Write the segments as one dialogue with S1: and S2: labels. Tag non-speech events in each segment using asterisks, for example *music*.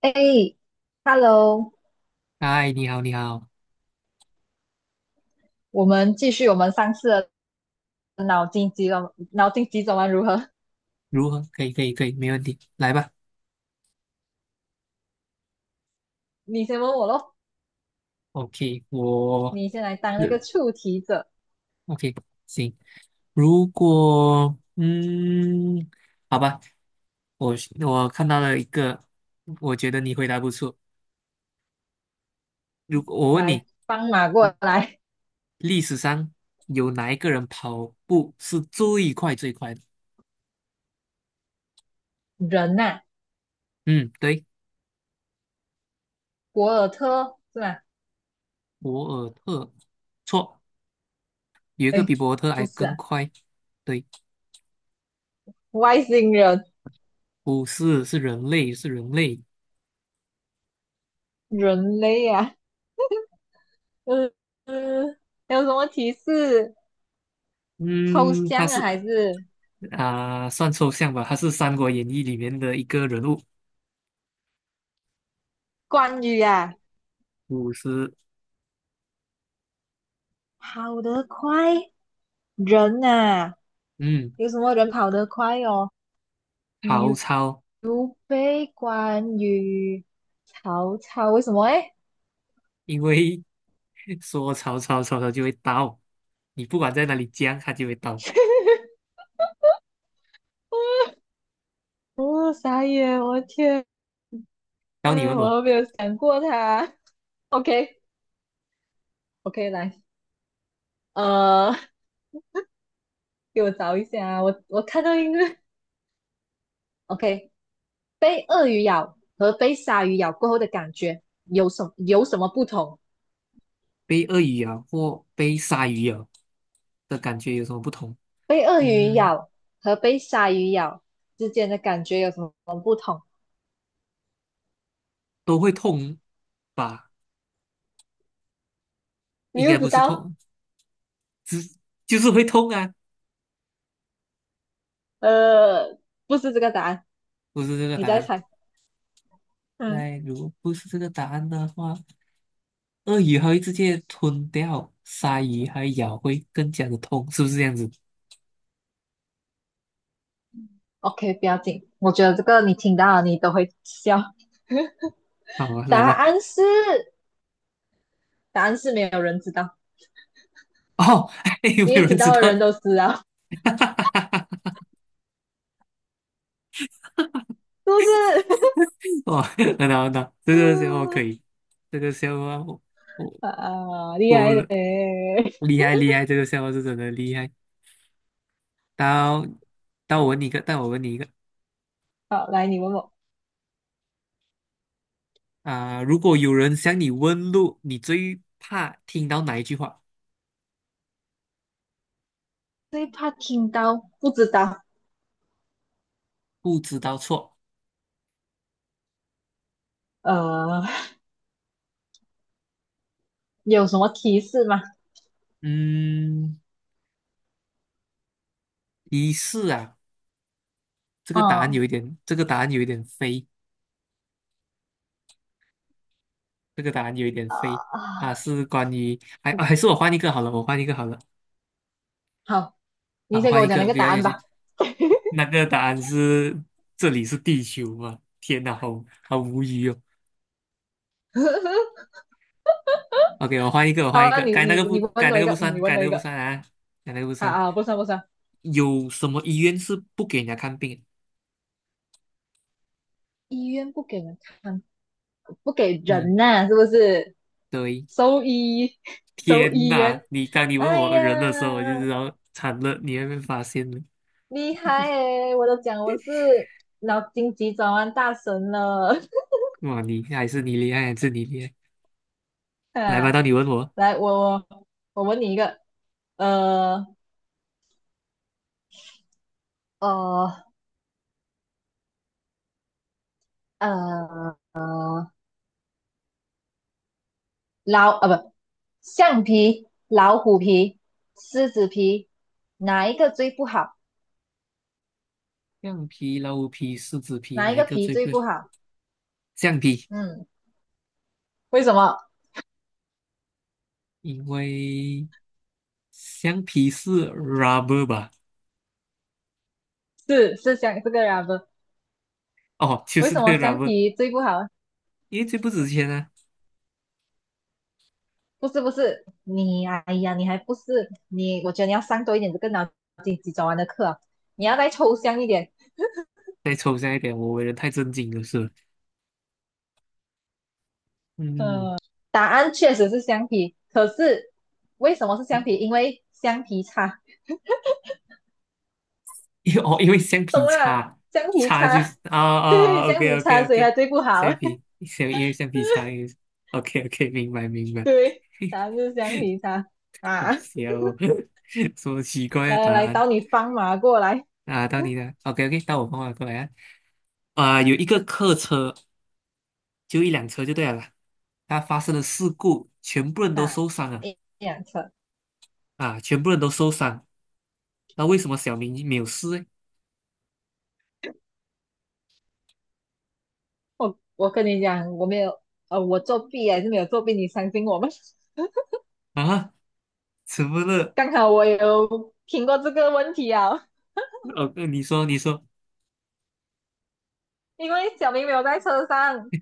S1: 哎，Hello，
S2: 嗨，你好，你好，
S1: 我们继续我们上次的脑筋急转脑筋急转弯如何？
S2: 如何？可以，可以，可以，没问题，来吧。
S1: *laughs* 你先问我咯，
S2: OK，
S1: 你先来当那
S2: 日
S1: 个出题者，
S2: OK，行。如果嗯，好吧，我我看到了一个，我觉得你回答不错。如果我问你，
S1: 来帮马过来。
S2: 历史上有哪一个人跑步是最快最快的？
S1: 人呐、
S2: 嗯，对，
S1: 博尔特是吧？
S2: 博尔特，错，有一个
S1: 哎，
S2: 比博尔特
S1: 不
S2: 还
S1: 是
S2: 更
S1: 啊，
S2: 快。对，
S1: 外星人，
S2: 不是，是人类，是人类。
S1: 人类啊，嗯嗯，还有什么提示？抽
S2: 嗯，他
S1: 象啊，
S2: 是。
S1: 还是
S2: 啊、算抽象吧，他是《三国演义》里面的一个人物，
S1: 关于啊？
S2: 五十，
S1: 跑得快，人呐、
S2: 嗯，
S1: 有什么人跑得快哦？
S2: 曹
S1: 刘
S2: 操，
S1: 刘备、关羽、曹操，为什么诶？
S2: 因为 *laughs* 说曹操，曹操就会到，你不管在哪里讲，他就会到。
S1: 哦，傻眼！我的天，
S2: 然后你问
S1: 我
S2: 我
S1: 都没有想过他。OK，OK，来，呃，给我找一下啊，我看到一个，OK，被鳄鱼咬和被鲨鱼咬过后的感觉有什么不同？
S2: 被鳄鱼咬或被鲨鱼咬的感觉有什么不同？
S1: 被鳄鱼
S2: 嗯，
S1: 咬和被鲨鱼咬之间的感觉有什么不同？
S2: 都会痛吧？
S1: 你
S2: 应
S1: 又
S2: 该
S1: 不知
S2: 不是
S1: 道？
S2: 痛，只就是会痛啊，
S1: 呃，不是这个答案，
S2: 不是这个
S1: 你
S2: 答
S1: 再
S2: 案。
S1: 猜。嗯。
S2: 那如果不是这个答案的话。鳄鱼还会直接吞掉鲨鱼，还咬会更加的痛，是不是这样子？
S1: OK，不要紧，我觉得这个你听到了你都会笑。
S2: 好，啊，
S1: 答
S2: 来吧。
S1: 案是，答案是没有人知道，
S2: 哦，*laughs* 有没
S1: 因
S2: 有
S1: 为知
S2: 人知
S1: 道的人
S2: 道？
S1: 都知道，是
S2: *laughs*
S1: 不是？
S2: 哦，很好很好，这
S1: *laughs*
S2: 个笑话可以，这个笑话我我
S1: 啊，厉
S2: 过
S1: 害嘞！
S2: 了，厉害厉害，这个笑话是真的厉害。到到我问你一个，到我问你一个
S1: 好，来你问我，
S2: 啊、如果有人向你问路，你最怕听到哪一句话？
S1: 最怕听到不知道，
S2: 不知道错。
S1: 呃，有什么提示吗？
S2: 嗯，提示啊，这个答案有
S1: 嗯
S2: 一点，这个答案有一点飞。这个答案有一点
S1: 啊
S2: 废。
S1: 啊，
S2: 它是关于，还是我换一个好了，
S1: 好，
S2: 啊，
S1: 你
S2: 我
S1: 先给
S2: 换
S1: 我
S2: 一
S1: 讲那
S2: 个
S1: 个
S2: 比
S1: 答
S2: 较有
S1: 案
S2: 些。
S1: 吧。*laughs*
S2: 那个答案是这里是地球嘛？天哪，好好无语哦。OK,我换一个，
S1: 好，那你你你
S2: 该
S1: 问
S2: 那
S1: 我一
S2: 个
S1: 个，
S2: 不
S1: 你
S2: 算，
S1: 问我一个，
S2: 该那个不
S1: 啊
S2: 算。
S1: 啊，不算不算，
S2: 有什么医院是不给人家看病？
S1: 医院不给人看，不给
S2: 嗯，
S1: 人呐、啊是不是？
S2: 对。
S1: 兽医，*laughs* 兽
S2: 天
S1: 医
S2: 哪，
S1: 员。
S2: 你当你问
S1: 哎
S2: 我
S1: 呀，
S2: 人的时候，我就知道惨了，你还被发现了。
S1: 厉害诶！我都讲我是脑筋急转弯大神了。
S2: 哇，你还是你厉害，还是你厉害。
S1: *laughs*
S2: 来吧，
S1: 啊，
S2: 到你问我。
S1: 来，我问你一个，呃呃呃，老啊不，橡皮、老虎皮、狮子皮，哪一个最不好？
S2: 橡皮、老虎皮、狮子皮，
S1: 哪一
S2: 哪一
S1: 个
S2: 个
S1: 皮
S2: 最
S1: 最
S2: 贵？
S1: 不好？
S2: 橡皮，
S1: 嗯，为什么？
S2: 因为橡皮是 rubber 吧？
S1: 是象这个 rubber，
S2: 哦，*laughs* 就
S1: 为
S2: 是
S1: 什
S2: 那
S1: 么
S2: 个
S1: 橡
S2: rubber,
S1: 皮最不好？
S2: 因为最不值钱啊。
S1: 不是不是，哎呀，你还不是你？我觉得你要上多一点这个脑筋急转弯的课啊，你要再抽象一点。
S2: 再抽象一点，我为人太正经了是吧。嗯，
S1: 答案确实是橡皮，可是为什么是橡皮？因为橡皮擦，
S2: 因为 *laughs* 哦，因为橡
S1: 懂
S2: 皮
S1: 了？
S2: 擦
S1: 橡皮
S2: 擦就
S1: 擦，
S2: 是啊
S1: *laughs*
S2: 啊啊
S1: 对，橡
S2: ，OK
S1: 皮擦，
S2: OK
S1: 所以它
S2: OK,
S1: 最不好。
S2: 橡皮，
S1: *laughs*
S2: 橡因为橡皮擦因为，OK OK,明白明白。
S1: 对，答
S2: *laughs*
S1: 案就是橡皮擦
S2: 好
S1: 啊！
S2: 笑哦，*laughs* 什么奇怪的
S1: 来
S2: 答
S1: 来，
S2: 案
S1: 到你放马过来
S2: 啊？到你了，OK OK,到我帮我过来啊。啊、有一个客车就一辆车就对了啦。它发生了事故，全部人都
S1: 啊！
S2: 受伤了
S1: 一辆车，
S2: 啊，全部人都受伤。那为什么小明没有事呢？
S1: 我跟你讲，我没有，我作弊还是没有作弊，你相信我吗？*laughs*
S2: 啊，怎么了？
S1: 刚好我有听过这个问题啊，
S2: 你说，你说，
S1: 因为小明没有在车上，
S2: *laughs*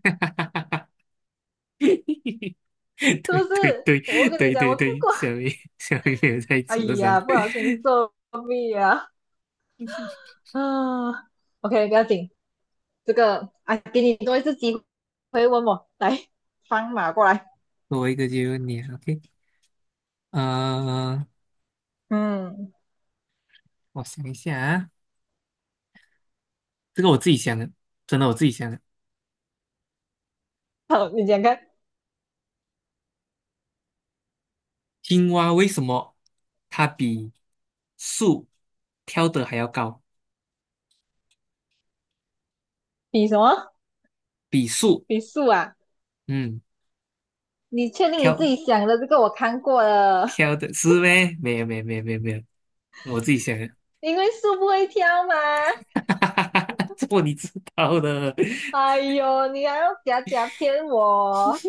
S1: 是不
S2: 对对
S1: 是？
S2: 对
S1: 我跟你
S2: 对
S1: 讲，
S2: 对
S1: 我看
S2: 对，
S1: 过。
S2: 小明 *laughs* 小明没有在
S1: 哎
S2: 车上。
S1: 呀，不小心作弊啊！啊，OK，不要紧，这个啊，给你多一次机会问我，来放马过来。
S2: 多一个就有你了，OK,呃，
S1: 嗯，
S2: 我想一下啊，这个我自己想的，真的我自己想的。
S1: 好，你讲看，
S2: 青蛙为什么它比树跳得还要高？
S1: 比什么？
S2: 比树，
S1: 比树啊？
S2: 嗯。
S1: 你确定你自
S2: 挑
S1: 己想的这个我看过了？
S2: 挑的是呗？没有没有没有没有没有，我自己想的，
S1: 因为树不会跳嘛。
S2: *laughs* 这么你知道的，
S1: 哎呦，你还要假假骗我？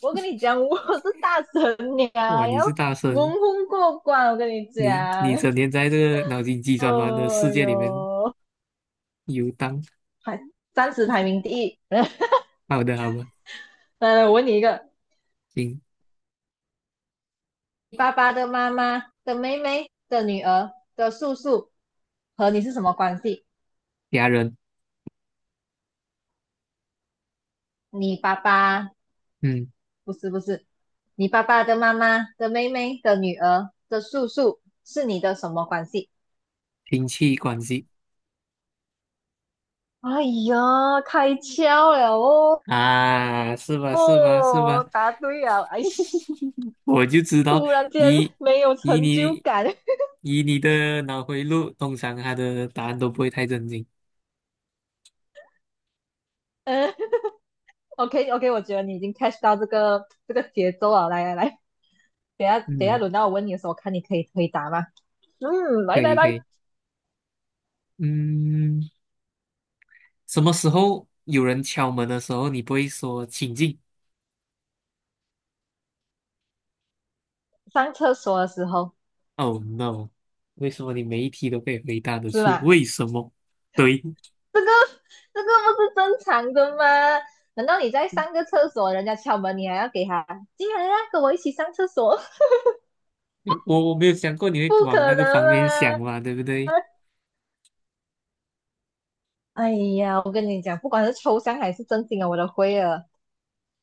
S1: 我跟你讲，我是大神娘，
S2: 哇，你
S1: 要
S2: 是大
S1: 蒙
S2: 神，
S1: 混过关。我跟你
S2: 你
S1: 讲，
S2: 你整天在这个脑筋急
S1: 哎
S2: 转弯的世界里面
S1: 呦，
S2: 游荡。
S1: 还三十排名第一。*laughs*
S2: 好的好的，
S1: 来来，我问你一个：
S2: 行，
S1: 爸爸的妈妈的妹妹的女儿的叔叔和你是什么关系？
S2: 家人，
S1: 你爸爸
S2: 嗯，
S1: 不是不是，你爸爸的妈妈的妹妹的女儿的叔叔是你的什么关系？
S2: 亲戚关系
S1: 哎呀，开窍了哦！
S2: 啊，是吧是吧是吧？
S1: 哦，答对了，哎。
S2: 我就知道
S1: 突然间
S2: 以
S1: 没有
S2: 以
S1: 成就
S2: 你
S1: 感。*laughs*
S2: 以你的脑回路，通常他的答案都不会太正惊。
S1: 嗯，OK OK，我觉得你已经 catch 到这个节奏了。来来来，等下等下
S2: 嗯，
S1: 轮到我问你的时候，我看你可以回答吗？嗯，
S2: 可
S1: 来来
S2: 以可
S1: 来，
S2: 以，嗯。什么时候有人敲门的时候，你不会说"请进
S1: 上厕所的时候
S2: ”？"?Oh no!为什么你每一题都可以回答得
S1: 是
S2: 出？
S1: 吗？
S2: 为什么？对，
S1: 这个这个不是正常的吗？难道你在上个厕所，人家敲门，你还要给他进来啊，跟我一起上厕所？
S2: *laughs* 我没有想过你
S1: *laughs*
S2: 会
S1: 不
S2: 往那
S1: 可
S2: 个
S1: 能
S2: 方面想
S1: 吗？
S2: 嘛，对不对？
S1: 哎呀，我跟你讲，不管是抽象还是正经啊，我都会了。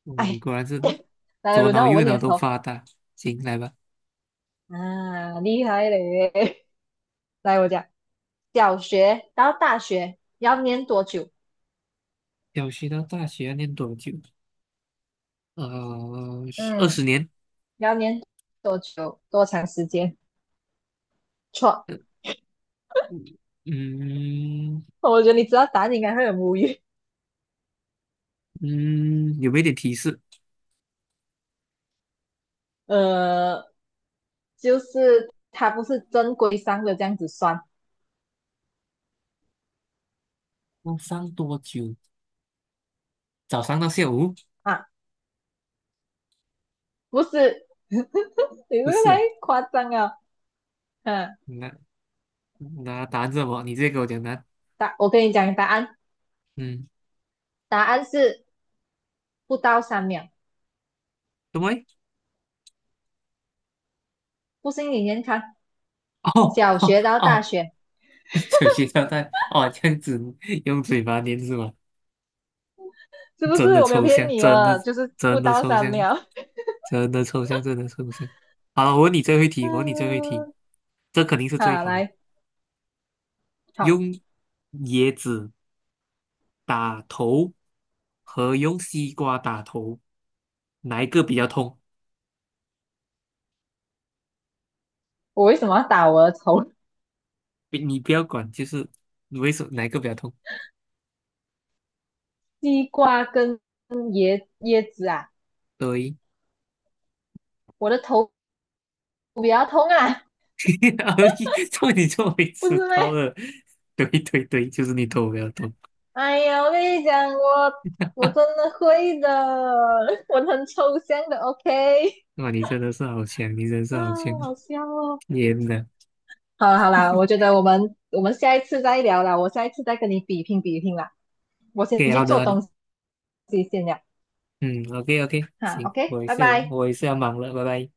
S2: 哦，你
S1: 哎，
S2: 果然是
S1: *laughs* 来
S2: 左
S1: 轮
S2: 脑
S1: 到我
S2: 右
S1: 问你
S2: 脑
S1: 的时
S2: 都
S1: 候，
S2: 发达。行，来吧。
S1: 啊，厉害嘞！*laughs* 来，我讲，小学到大学要念多久？
S2: 小学到大学要念多久？呃，二
S1: 嗯，
S2: 十年。
S1: 要念多久？多长时间？错，
S2: 嗯嗯，
S1: 我觉得你知道答案应该会很无语。
S2: 嗯有没有点提示？
S1: 呃，就是它不是正规上的这样子算
S2: 要上多久？早上到下午？
S1: 啊，不是，你这
S2: 不
S1: 个太
S2: 是，
S1: 夸张了。嗯，
S2: 那那答案是什么？你直接给我讲答案。
S1: 我跟你讲答案，
S2: 嗯，
S1: 答案是不到三秒。
S2: 什么
S1: 不信你先看，
S2: *laughs* 哦
S1: 小
S2: 哦
S1: 学到大
S2: 哦，
S1: 学
S2: *laughs* 酒精胶代哦，这样子用嘴巴念是吗？
S1: 是不是？
S2: 真的
S1: 我没有
S2: 抽
S1: 骗
S2: 象，
S1: 你啊，就是不
S2: 真的
S1: 到
S2: 抽
S1: 三
S2: 象，
S1: 秒。*laughs*
S2: 真的抽象，真的抽象。好了，我问你最后一题，我问你最后一题，
S1: 嗯，
S2: 这肯定是最
S1: 好，
S2: 好的。
S1: 来，好，
S2: 用椰子打头和用西瓜打头，哪一个比较痛？
S1: 我为什么要打我的头？
S2: 你不要管，就是为什么哪一个比较痛？
S1: 西瓜跟椰子啊，
S2: 对。
S1: 我的头比较痛啊，
S2: *laughs* 做你做没
S1: 不
S2: 迟
S1: 是
S2: 到
S1: 咩？
S2: 了，对对对，*laughs* 就是你头不要动。
S1: 哎呀，我跟你讲，我真的会的，*laughs* 我很抽象的，OK？
S2: 哇，你真的是好强，你真的是好强！
S1: 啊，好笑哦。
S2: 天呐 o
S1: 好啦好啦，我觉得我们下一次再聊啦，我下一次再跟你比拼比拼啦，我先
S2: k
S1: 去
S2: 好的
S1: 做
S2: 好的，
S1: 东西先了，
S2: 嗯，OK OK,
S1: 哈
S2: 行，
S1: ，OK，拜拜。
S2: 我也是要忙了，拜拜。